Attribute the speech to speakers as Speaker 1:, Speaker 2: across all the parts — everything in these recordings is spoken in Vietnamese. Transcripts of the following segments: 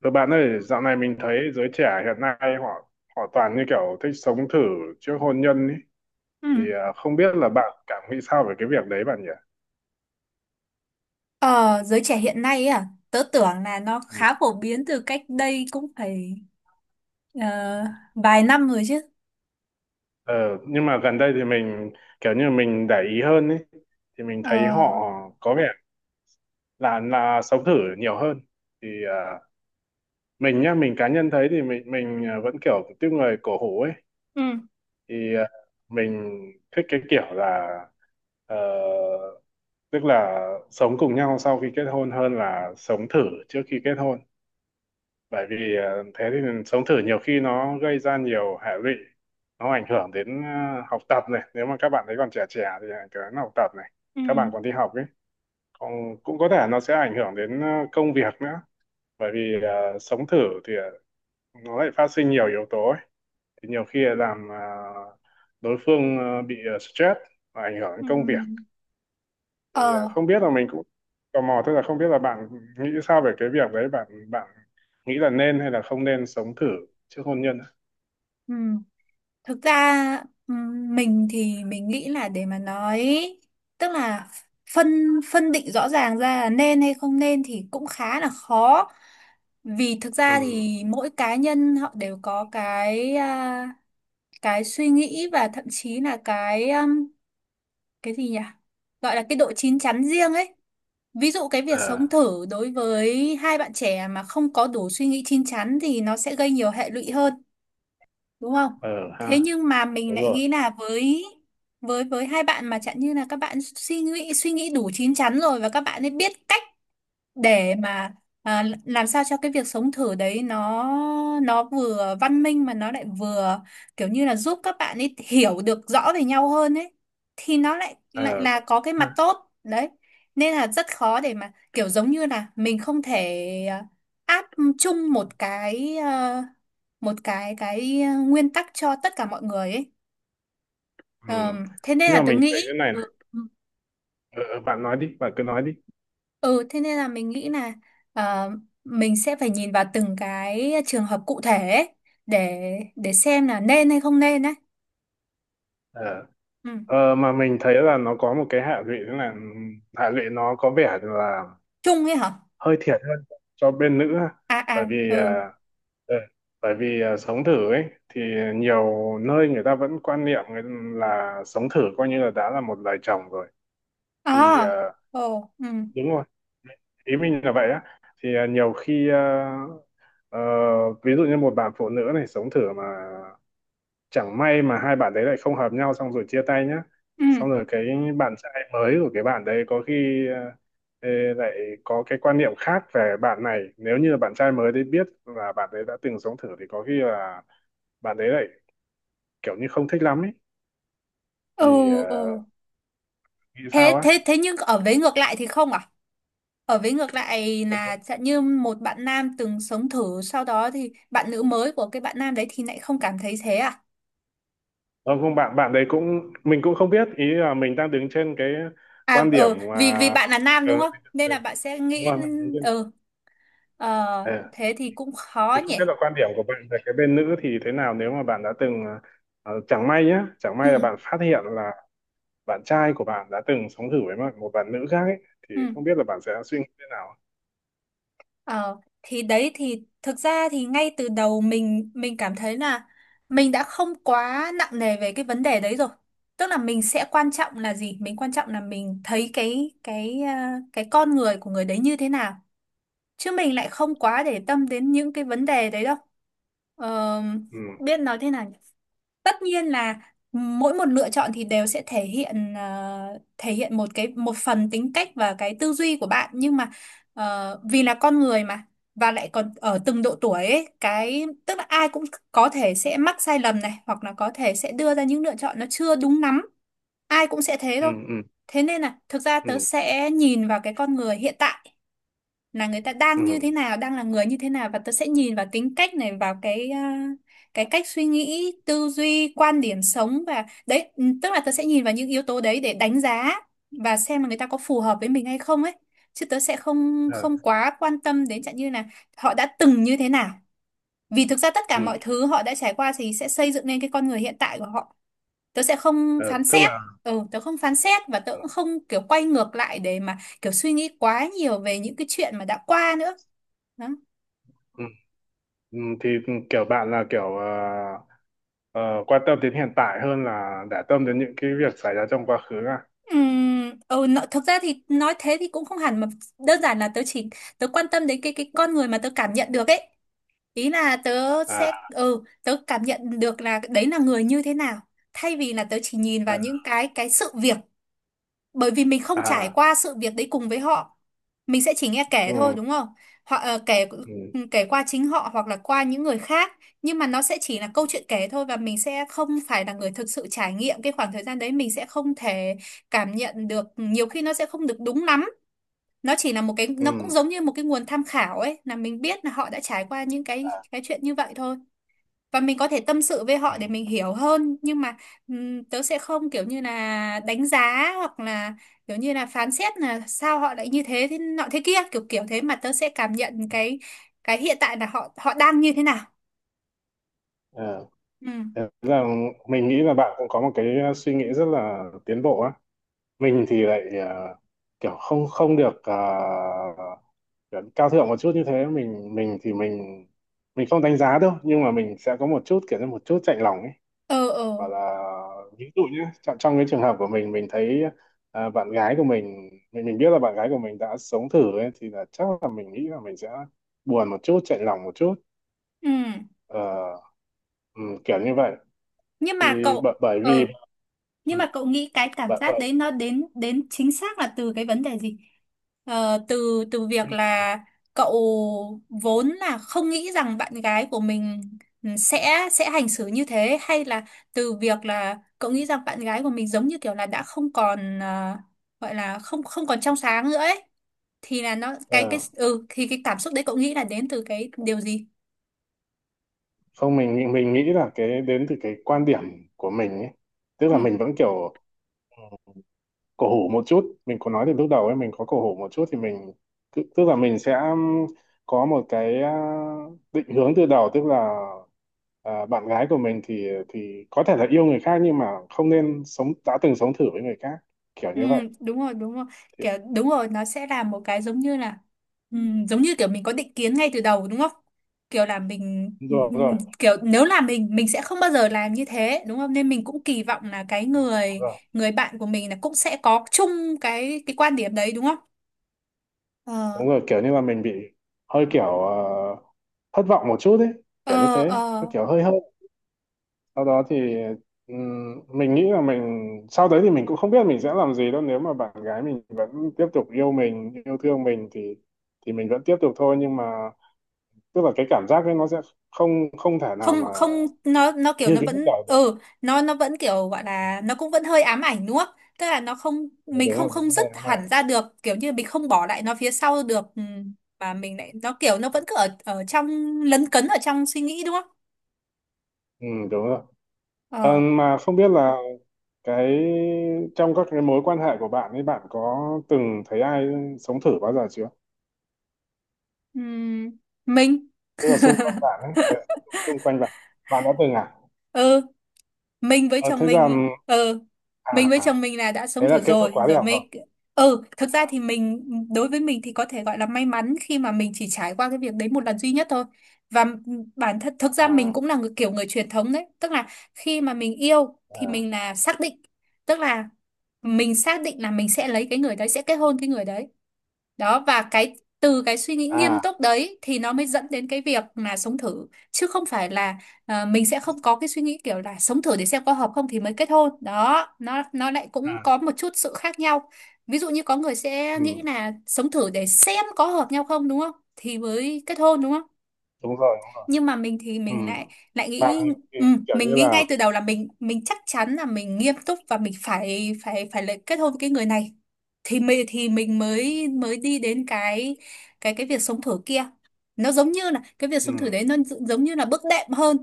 Speaker 1: Rồi bạn ơi, dạo này mình thấy giới trẻ hiện nay họ họ toàn như kiểu thích sống thử trước hôn nhân ấy.
Speaker 2: Ừ.
Speaker 1: Thì không biết là bạn cảm nghĩ sao về cái việc đấy bạn nhỉ?
Speaker 2: Ờ, Giới trẻ hiện nay ấy à, tớ tưởng là nó
Speaker 1: Ừ.
Speaker 2: khá phổ biến từ cách đây cũng phải ờ, vài năm rồi chứ.
Speaker 1: Ờ, nhưng mà gần đây thì mình kiểu như mình để ý hơn ấy. Thì mình thấy họ
Speaker 2: Ờ,
Speaker 1: có vẻ là sống thử nhiều hơn. Thì mình nhá, mình cá nhân thấy thì mình vẫn kiểu tiếp người cổ hủ ấy.
Speaker 2: ừ,
Speaker 1: Thì mình thích cái kiểu là ờ, tức là sống cùng nhau sau khi kết hôn hơn là sống thử trước khi kết hôn, bởi vì thế thì sống thử nhiều khi nó gây ra nhiều hệ lụy, nó ảnh hưởng đến học tập này, nếu mà các bạn ấy còn trẻ trẻ thì ảnh hưởng đến học tập này,
Speaker 2: ừ,
Speaker 1: các bạn còn đi học ấy, còn cũng có thể nó sẽ ảnh hưởng đến công việc nữa, bởi vì sống thử thì nó lại phát sinh nhiều yếu tố ấy. Thì nhiều khi làm đối phương bị stress và ảnh hưởng đến
Speaker 2: ừ.
Speaker 1: công việc. Thì
Speaker 2: Ờ,
Speaker 1: không biết là mình cũng tò mò, tức là không biết là bạn nghĩ sao về cái việc đấy, bạn bạn nghĩ là nên hay là không nên sống thử trước hôn nhân á?
Speaker 2: ừ. Thực ra ừ, mình thì mình nghĩ là để mà nói, tức là phân phân định rõ ràng ra là nên hay không nên thì cũng khá là khó. Vì thực ra
Speaker 1: Ừ.
Speaker 2: thì mỗi cá nhân họ đều có cái suy nghĩ, và thậm chí là cái gì nhỉ? Gọi là cái độ chín chắn riêng ấy. Ví dụ cái việc sống
Speaker 1: Ờ.
Speaker 2: thử đối với hai bạn trẻ mà không có đủ suy nghĩ chín chắn thì nó sẽ gây nhiều hệ lụy hơn, đúng không?
Speaker 1: Ờ
Speaker 2: Thế
Speaker 1: ha.
Speaker 2: nhưng mà mình
Speaker 1: Đúng
Speaker 2: lại
Speaker 1: rồi.
Speaker 2: nghĩ là với với hai bạn mà chẳng như là các bạn suy nghĩ đủ chín chắn rồi, và các bạn ấy biết cách để mà làm sao cho cái việc sống thử đấy nó vừa văn minh mà nó lại vừa kiểu như là giúp các bạn ấy hiểu được rõ về nhau hơn ấy, thì nó lại lại
Speaker 1: Ờ.
Speaker 2: là có cái mặt tốt đấy. Nên là rất khó để mà kiểu giống như là mình không thể áp chung một cái nguyên tắc cho tất cả mọi người ấy.
Speaker 1: Ừ.
Speaker 2: Thế nên
Speaker 1: Nhưng
Speaker 2: là
Speaker 1: mà
Speaker 2: tớ
Speaker 1: mình thấy
Speaker 2: nghĩ.
Speaker 1: thế này
Speaker 2: ừ,
Speaker 1: này. Ờ, Bạn nói đi, bạn cứ nói đi.
Speaker 2: Ừ, thế nên là mình nghĩ là ờ, mình sẽ phải nhìn vào từng cái trường hợp cụ thể ấy, để để xem là nên hay không nên đấy.
Speaker 1: ờ
Speaker 2: Ừ.
Speaker 1: Mà mình thấy là nó có một cái hệ lụy, thế là hệ lụy nó có vẻ là
Speaker 2: Chung ấy hả?
Speaker 1: hơi thiệt hơn cho bên nữ ha.
Speaker 2: À
Speaker 1: Bởi
Speaker 2: à,
Speaker 1: vì
Speaker 2: ừ.
Speaker 1: Ừ. Bởi vì sống thử ấy thì nhiều nơi người ta vẫn quan niệm là sống thử coi như là đã là một lời chồng rồi. Thì
Speaker 2: À, ồ, ừ,
Speaker 1: đúng rồi, ý mình là vậy á. Thì nhiều khi ờ, ví dụ như một bạn phụ nữ này sống thử mà chẳng may mà hai bạn đấy lại không hợp nhau, xong rồi chia tay nhá,
Speaker 2: ừ,
Speaker 1: xong rồi cái bạn trai mới của cái bạn đấy có khi ê, lại có cái quan niệm khác về bạn này, nếu như bạn trai mới đấy biết là bạn đấy đã từng sống thử thì có khi là bạn đấy lại kiểu như không thích lắm ấy.
Speaker 2: ừ,
Speaker 1: Thì
Speaker 2: ừ.
Speaker 1: nghĩ sao
Speaker 2: Thế,
Speaker 1: á.
Speaker 2: thế, thế nhưng ở vế ngược lại thì không à? Ở vế ngược lại là chẳng như một bạn nam từng sống thử sau đó thì bạn nữ mới của cái bạn nam đấy thì lại không cảm thấy thế à?
Speaker 1: Không, không, bạn bạn đấy cũng mình cũng không biết, ý là mình đang đứng trên cái
Speaker 2: À,
Speaker 1: quan điểm
Speaker 2: ừ,
Speaker 1: mà
Speaker 2: vì vì bạn là nam
Speaker 1: ờ,
Speaker 2: đúng không? Nên
Speaker 1: ờ,
Speaker 2: là bạn sẽ
Speaker 1: đúng
Speaker 2: nghĩ.
Speaker 1: rồi, mình đứng trên,
Speaker 2: ừ Ờ,
Speaker 1: ờ,
Speaker 2: thế thì cũng khó
Speaker 1: thì
Speaker 2: nhỉ.
Speaker 1: không biết là quan điểm của bạn về cái bên nữ thì thế nào nếu mà bạn đã từng chẳng may nhá, chẳng
Speaker 2: Ừ,
Speaker 1: may là bạn phát hiện là bạn trai của bạn đã từng sống thử với một bạn nữ khác ấy, thì
Speaker 2: ừ.
Speaker 1: không biết là bạn sẽ suy nghĩ thế nào.
Speaker 2: Ờ, thì đấy, thì thực ra thì ngay từ đầu mình cảm thấy là mình đã không quá nặng nề về cái vấn đề đấy rồi. Tức là mình sẽ quan trọng là gì? Mình quan trọng là mình thấy cái con người của người đấy như thế nào. Chứ mình lại không quá để tâm đến những cái vấn đề đấy đâu. Ờ,
Speaker 1: Ừ.
Speaker 2: Biết nói thế nào, tất nhiên là mỗi một lựa chọn thì đều sẽ thể hiện một phần tính cách và cái tư duy của bạn. Nhưng mà vì là con người mà, và lại còn ở từng độ tuổi ấy, tức là ai cũng có thể sẽ mắc sai lầm này, hoặc là có thể sẽ đưa ra những lựa chọn nó chưa đúng lắm. Ai cũng sẽ thế
Speaker 1: Ừ.
Speaker 2: thôi.
Speaker 1: Ừ.
Speaker 2: Thế nên là thực ra
Speaker 1: Ừ.
Speaker 2: tớ sẽ nhìn vào cái con người hiện tại, là người ta
Speaker 1: Ừ.
Speaker 2: đang như thế nào, đang là người như thế nào. Và tớ sẽ nhìn vào tính cách này, vào cái cách suy nghĩ, tư duy, quan điểm sống, và đấy, tức là tớ sẽ nhìn vào những yếu tố đấy để đánh giá và xem là người ta có phù hợp với mình hay không ấy. Chứ tớ sẽ không không
Speaker 1: Ờ.
Speaker 2: quá quan tâm đến chẳng như là họ đã từng như thế nào. Vì thực ra tất cả
Speaker 1: Ừ.
Speaker 2: mọi thứ họ đã trải qua thì sẽ xây dựng nên cái con người hiện tại của họ. Tớ sẽ không
Speaker 1: Ờ,
Speaker 2: phán
Speaker 1: tức là.
Speaker 2: xét. Tớ không phán xét, và tớ cũng không kiểu quay ngược lại để mà kiểu suy nghĩ quá nhiều về những cái chuyện mà đã qua nữa. Đó.
Speaker 1: Ừ. Ừ, thì kiểu bạn là kiểu ờ, quan tâm đến hiện tại hơn là để tâm đến những cái việc xảy ra trong quá khứ à?
Speaker 2: Thực ra thì nói thế thì cũng không hẳn, mà đơn giản là tớ chỉ quan tâm đến cái con người mà tớ cảm nhận được ấy. Ý là tớ
Speaker 1: À.
Speaker 2: sẽ ừ tớ cảm nhận được là đấy là người như thế nào. Thay vì là tớ chỉ nhìn
Speaker 1: Ờ.
Speaker 2: vào những cái sự việc. Bởi vì mình không trải
Speaker 1: À.
Speaker 2: qua sự việc đấy cùng với họ, mình sẽ chỉ nghe kể thôi
Speaker 1: Ừ.
Speaker 2: đúng không. Họ kể
Speaker 1: Ừ.
Speaker 2: kể qua chính họ hoặc là qua những người khác. Nhưng mà nó sẽ chỉ là câu chuyện kể thôi, và mình sẽ không phải là người thực sự trải nghiệm cái khoảng thời gian đấy. Mình sẽ không thể cảm nhận được, nhiều khi nó sẽ không được đúng lắm. Nó chỉ là một cái,
Speaker 1: Ừ.
Speaker 2: nó cũng giống như một cái nguồn tham khảo ấy, là mình biết là họ đã trải qua những cái
Speaker 1: Ờ.
Speaker 2: cái chuyện như vậy thôi. Và mình có thể tâm sự với
Speaker 1: Ừ.
Speaker 2: họ để mình hiểu hơn, nhưng mà tớ sẽ không kiểu như là đánh giá, hoặc là kiểu như là phán xét là sao họ lại như thế, thế nọ thế kia, kiểu kiểu thế. Mà tớ sẽ cảm nhận cái hiện tại là họ họ đang như thế nào.
Speaker 1: Ờ.
Speaker 2: Ừ.
Speaker 1: Thế là mình nghĩ là bạn cũng có một cái suy nghĩ rất là tiến bộ á. Mình thì lại kiểu không không được kiểu cao thượng một chút như thế. Mình mình thì mình mình không đánh giá đâu, nhưng mà mình sẽ có một chút kiểu như một chút chạnh lòng ấy.
Speaker 2: ờ ờ
Speaker 1: Và là ví dụ nhé, trong cái trường hợp của mình thấy bạn gái của mình, mình biết là bạn gái của mình đã sống thử ấy, thì là chắc là mình nghĩ là mình sẽ buồn một chút, chạnh lòng một chút.
Speaker 2: ừ.
Speaker 1: Ờ, ừ, Kiểu như vậy.
Speaker 2: nhưng
Speaker 1: Thì
Speaker 2: mà
Speaker 1: bởi,
Speaker 2: cậu
Speaker 1: bởi vì
Speaker 2: ờ
Speaker 1: ừ,
Speaker 2: Nhưng mà cậu nghĩ cái cảm
Speaker 1: bởi,
Speaker 2: giác
Speaker 1: bởi,
Speaker 2: đấy nó đến đến chính xác là từ cái vấn đề gì? Ờ, từ từ việc là cậu vốn là không nghĩ rằng bạn gái của mình, sẽ hành xử như thế, hay là từ việc là cậu nghĩ rằng bạn gái của mình giống như kiểu là đã không còn, gọi là không không còn trong sáng nữa ấy, thì là nó cái
Speaker 1: ờ,
Speaker 2: ừ thì cái cảm xúc đấy cậu nghĩ là đến từ cái điều gì?
Speaker 1: không, mình nghĩ là cái đến từ cái quan điểm của mình ấy. Tức
Speaker 2: Ừ.
Speaker 1: là mình vẫn kiểu cổ hủ một chút, mình có nói từ lúc đầu ấy, mình có cổ hủ một chút. Thì mình, tức tức là mình sẽ có một cái định hướng từ đầu. Tức là bạn gái của mình thì có thể là yêu người khác nhưng mà không nên đã từng sống thử với người khác, kiểu
Speaker 2: Ừ,
Speaker 1: như vậy.
Speaker 2: đúng rồi đúng rồi,
Speaker 1: Thì
Speaker 2: kiểu đúng rồi, nó sẽ là một cái, giống ừ, giống như kiểu mình có định kiến ngay từ đầu đúng không, kiểu là mình
Speaker 1: đúng rồi, đúng rồi,
Speaker 2: kiểu nếu là mình sẽ không bao giờ làm như thế đúng không, nên mình cũng kỳ vọng là cái
Speaker 1: đúng
Speaker 2: người
Speaker 1: rồi,
Speaker 2: người bạn của mình là cũng sẽ có chung cái quan điểm đấy đúng không. ờ
Speaker 1: đúng rồi. Kiểu như là mình bị hơi kiểu thất vọng một chút ấy. Kiểu như
Speaker 2: ờ
Speaker 1: thế,
Speaker 2: ờ
Speaker 1: nó kiểu hơi. Sau đó thì mình nghĩ là mình, sau đấy thì mình cũng không biết mình sẽ làm gì đâu, nếu mà bạn gái mình vẫn tiếp tục yêu mình, yêu thương mình thì mình vẫn tiếp tục thôi. Nhưng mà tức là cái cảm giác ấy nó sẽ không không thể nào
Speaker 2: Không,
Speaker 1: mà
Speaker 2: không, nó kiểu
Speaker 1: như
Speaker 2: nó
Speaker 1: cái lúc
Speaker 2: vẫn
Speaker 1: đầu được.
Speaker 2: ừ nó nó vẫn kiểu gọi là nó cũng vẫn hơi ám ảnh đúng không. Tức là nó không,
Speaker 1: Ờ,
Speaker 2: mình
Speaker 1: Đúng
Speaker 2: không
Speaker 1: rồi,
Speaker 2: không
Speaker 1: đúng
Speaker 2: dứt
Speaker 1: rồi, cái
Speaker 2: hẳn
Speaker 1: này.
Speaker 2: ra được, kiểu như mình không bỏ lại nó phía sau được. Ừ, mà mình lại nó kiểu nó vẫn cứ ở ở trong, lấn cấn ở trong suy nghĩ đúng không.
Speaker 1: Ừ, đúng rồi.
Speaker 2: ờ
Speaker 1: Mà không biết là cái, trong các cái mối quan hệ của bạn ấy, bạn có từng thấy ai sống thử bao giờ chưa?
Speaker 2: ừm, mình
Speaker 1: Tức là xung quanh bạn ấy, xung quanh bạn bạn đã từng à?
Speaker 2: ừ mình với
Speaker 1: Ờ,
Speaker 2: chồng
Speaker 1: thế
Speaker 2: mình
Speaker 1: rằng. à
Speaker 2: là đã sống
Speaker 1: Thế là
Speaker 2: thử
Speaker 1: kết thúc
Speaker 2: rồi
Speaker 1: khóa đi
Speaker 2: rồi
Speaker 1: học rồi.
Speaker 2: mới. Thực ra thì mình, đối với mình thì có thể gọi là may mắn khi mà mình chỉ trải qua cái việc đấy một lần duy nhất thôi. Và bản thân thực ra mình
Speaker 1: À.
Speaker 2: cũng là người kiểu người truyền thống đấy. Tức là khi mà mình yêu thì
Speaker 1: À.
Speaker 2: mình là xác định, tức là mình xác định là mình sẽ lấy cái người đấy, sẽ kết hôn cái người đấy. Đó, và cái, từ cái suy nghĩ nghiêm
Speaker 1: À.
Speaker 2: túc đấy thì nó mới dẫn đến cái việc là sống thử. Chứ không phải là mình sẽ không có cái suy nghĩ kiểu là sống thử để xem có hợp không thì mới kết hôn. Đó nó lại cũng
Speaker 1: À.
Speaker 2: có một chút sự khác nhau. Ví dụ như có người sẽ nghĩ
Speaker 1: Ừ.
Speaker 2: là sống thử để xem có hợp nhau không đúng không thì mới kết hôn đúng không.
Speaker 1: Đúng rồi, đúng rồi.
Speaker 2: Nhưng mà mình thì
Speaker 1: Ừ.
Speaker 2: mình lại lại
Speaker 1: Bạn
Speaker 2: nghĩ,
Speaker 1: ấy thì
Speaker 2: ừ,
Speaker 1: kiểu
Speaker 2: mình
Speaker 1: như
Speaker 2: nghĩ
Speaker 1: là.
Speaker 2: ngay từ đầu là mình chắc chắn là mình nghiêm túc và mình phải phải phải lại kết hôn với cái người này, thì mình mới mới đi đến cái việc sống thử kia. Nó giống như là cái việc
Speaker 1: ừ,
Speaker 2: sống thử đấy nó giống như là bước đệm hơn.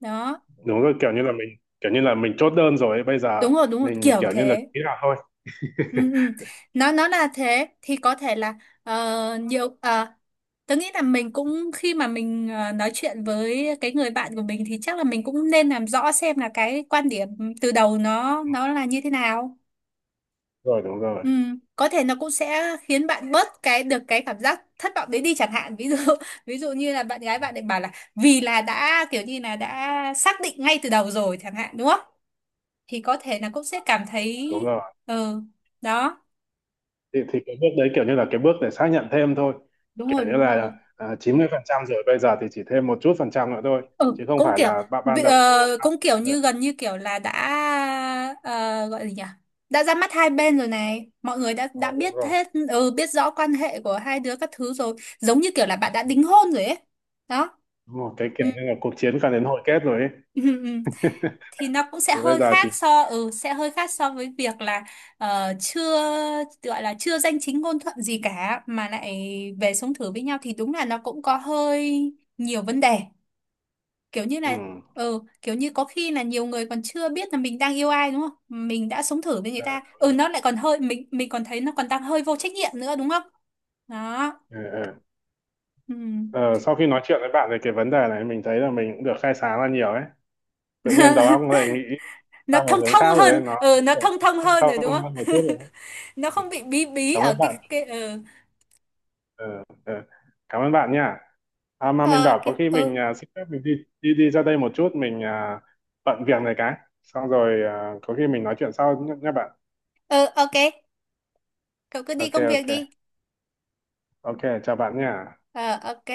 Speaker 2: Đó.
Speaker 1: Đúng rồi, kiểu như là mình, kiểu như là mình chốt đơn rồi ấy. Bây giờ
Speaker 2: Đúng rồi đúng rồi,
Speaker 1: mình
Speaker 2: kiểu
Speaker 1: kiểu như là
Speaker 2: thế.
Speaker 1: ký là thôi.
Speaker 2: Ừ, ừ. Nó là thế thì có thể là nhiều, tớ nghĩ là mình cũng khi mà mình nói chuyện với cái người bạn của mình thì chắc là mình cũng nên làm rõ xem là cái quan điểm từ đầu nó là như thế nào.
Speaker 1: Rồi. Đúng rồi,
Speaker 2: Ừ. Có thể nó cũng sẽ khiến bạn bớt cái được cái cảm giác thất vọng đấy đi chẳng hạn, ví dụ. Ví dụ như là bạn gái bạn ấy bảo là vì là đã kiểu như là đã xác định ngay từ đầu rồi chẳng hạn đúng không, thì có thể là cũng sẽ cảm thấy.
Speaker 1: đúng rồi.
Speaker 2: Ừ. Đó.
Speaker 1: Thì cái bước đấy kiểu như là cái bước để xác nhận thêm thôi,
Speaker 2: Đúng rồi,
Speaker 1: kiểu như
Speaker 2: đúng rồi.
Speaker 1: là 90% rồi, bây giờ thì chỉ thêm một chút phần trăm nữa thôi,
Speaker 2: Ừ,
Speaker 1: chứ không phải là bạn ban đầu là bạn ban.
Speaker 2: cũng kiểu
Speaker 1: Rồi.
Speaker 2: như gần như kiểu là đã ờ, gọi gì nhỉ. Đã ra mắt hai bên rồi này, mọi người đã
Speaker 1: Rồi, đúng
Speaker 2: biết
Speaker 1: rồi.
Speaker 2: hết, biết rõ quan hệ của hai đứa các thứ rồi. Giống như kiểu là bạn đã
Speaker 1: Ừ,
Speaker 2: đính hôn rồi ấy. Đó.
Speaker 1: đúng rồi, cái
Speaker 2: Ừ.
Speaker 1: kiểu như là cuộc chiến càng đến hồi kết rồi ấy.
Speaker 2: Ừ, ừ. Thì nó cũng
Speaker 1: Thì bây giờ chỉ.
Speaker 2: sẽ hơi khác so với việc là chưa, gọi là chưa danh chính ngôn thuận gì cả mà lại về sống thử với nhau, thì đúng là nó cũng có hơi nhiều vấn đề. Kiểu như
Speaker 1: Ừ.
Speaker 2: là, kiểu như có khi là nhiều người còn chưa biết là mình đang yêu ai đúng không, mình đã sống thử với người
Speaker 1: Ừ,
Speaker 2: ta.
Speaker 1: đúng
Speaker 2: Ừ
Speaker 1: rồi.
Speaker 2: nó lại còn hơi, mình còn thấy nó còn đang hơi vô trách nhiệm nữa đúng không. Đó.
Speaker 1: Ừ, ừ.
Speaker 2: Ừ.
Speaker 1: Ờ, Sau khi nói chuyện với bạn về cái vấn đề này, mình thấy là mình cũng được khai sáng ra nhiều ấy. Tự nhiên đầu óc lại nghĩ
Speaker 2: nó
Speaker 1: sang một
Speaker 2: thông
Speaker 1: hướng
Speaker 2: thông
Speaker 1: khác rồi đấy.
Speaker 2: hơn
Speaker 1: Nó
Speaker 2: ừ nó
Speaker 1: kiểu
Speaker 2: thông thông hơn rồi đúng
Speaker 1: thông hơn một
Speaker 2: không.
Speaker 1: chút rồi đấy.
Speaker 2: Nó
Speaker 1: Ừ,
Speaker 2: không bị bí bí
Speaker 1: cảm
Speaker 2: ở
Speaker 1: ơn
Speaker 2: cái
Speaker 1: bạn.
Speaker 2: cái ừ
Speaker 1: Ờ, ờ, Cảm ơn bạn nha. Mà mình
Speaker 2: Ờ, ok,
Speaker 1: bảo có khi
Speaker 2: ừ,
Speaker 1: mình xin phép, mình đi đi đi ra đây một chút, mình bận việc này cái, xong rồi có khi mình nói chuyện sau nhé, nhé bạn.
Speaker 2: ừ, ok, cậu cứ đi
Speaker 1: Ok
Speaker 2: công việc
Speaker 1: ok.
Speaker 2: đi.
Speaker 1: Ok, chào bạn nha.
Speaker 2: Ờ, ok.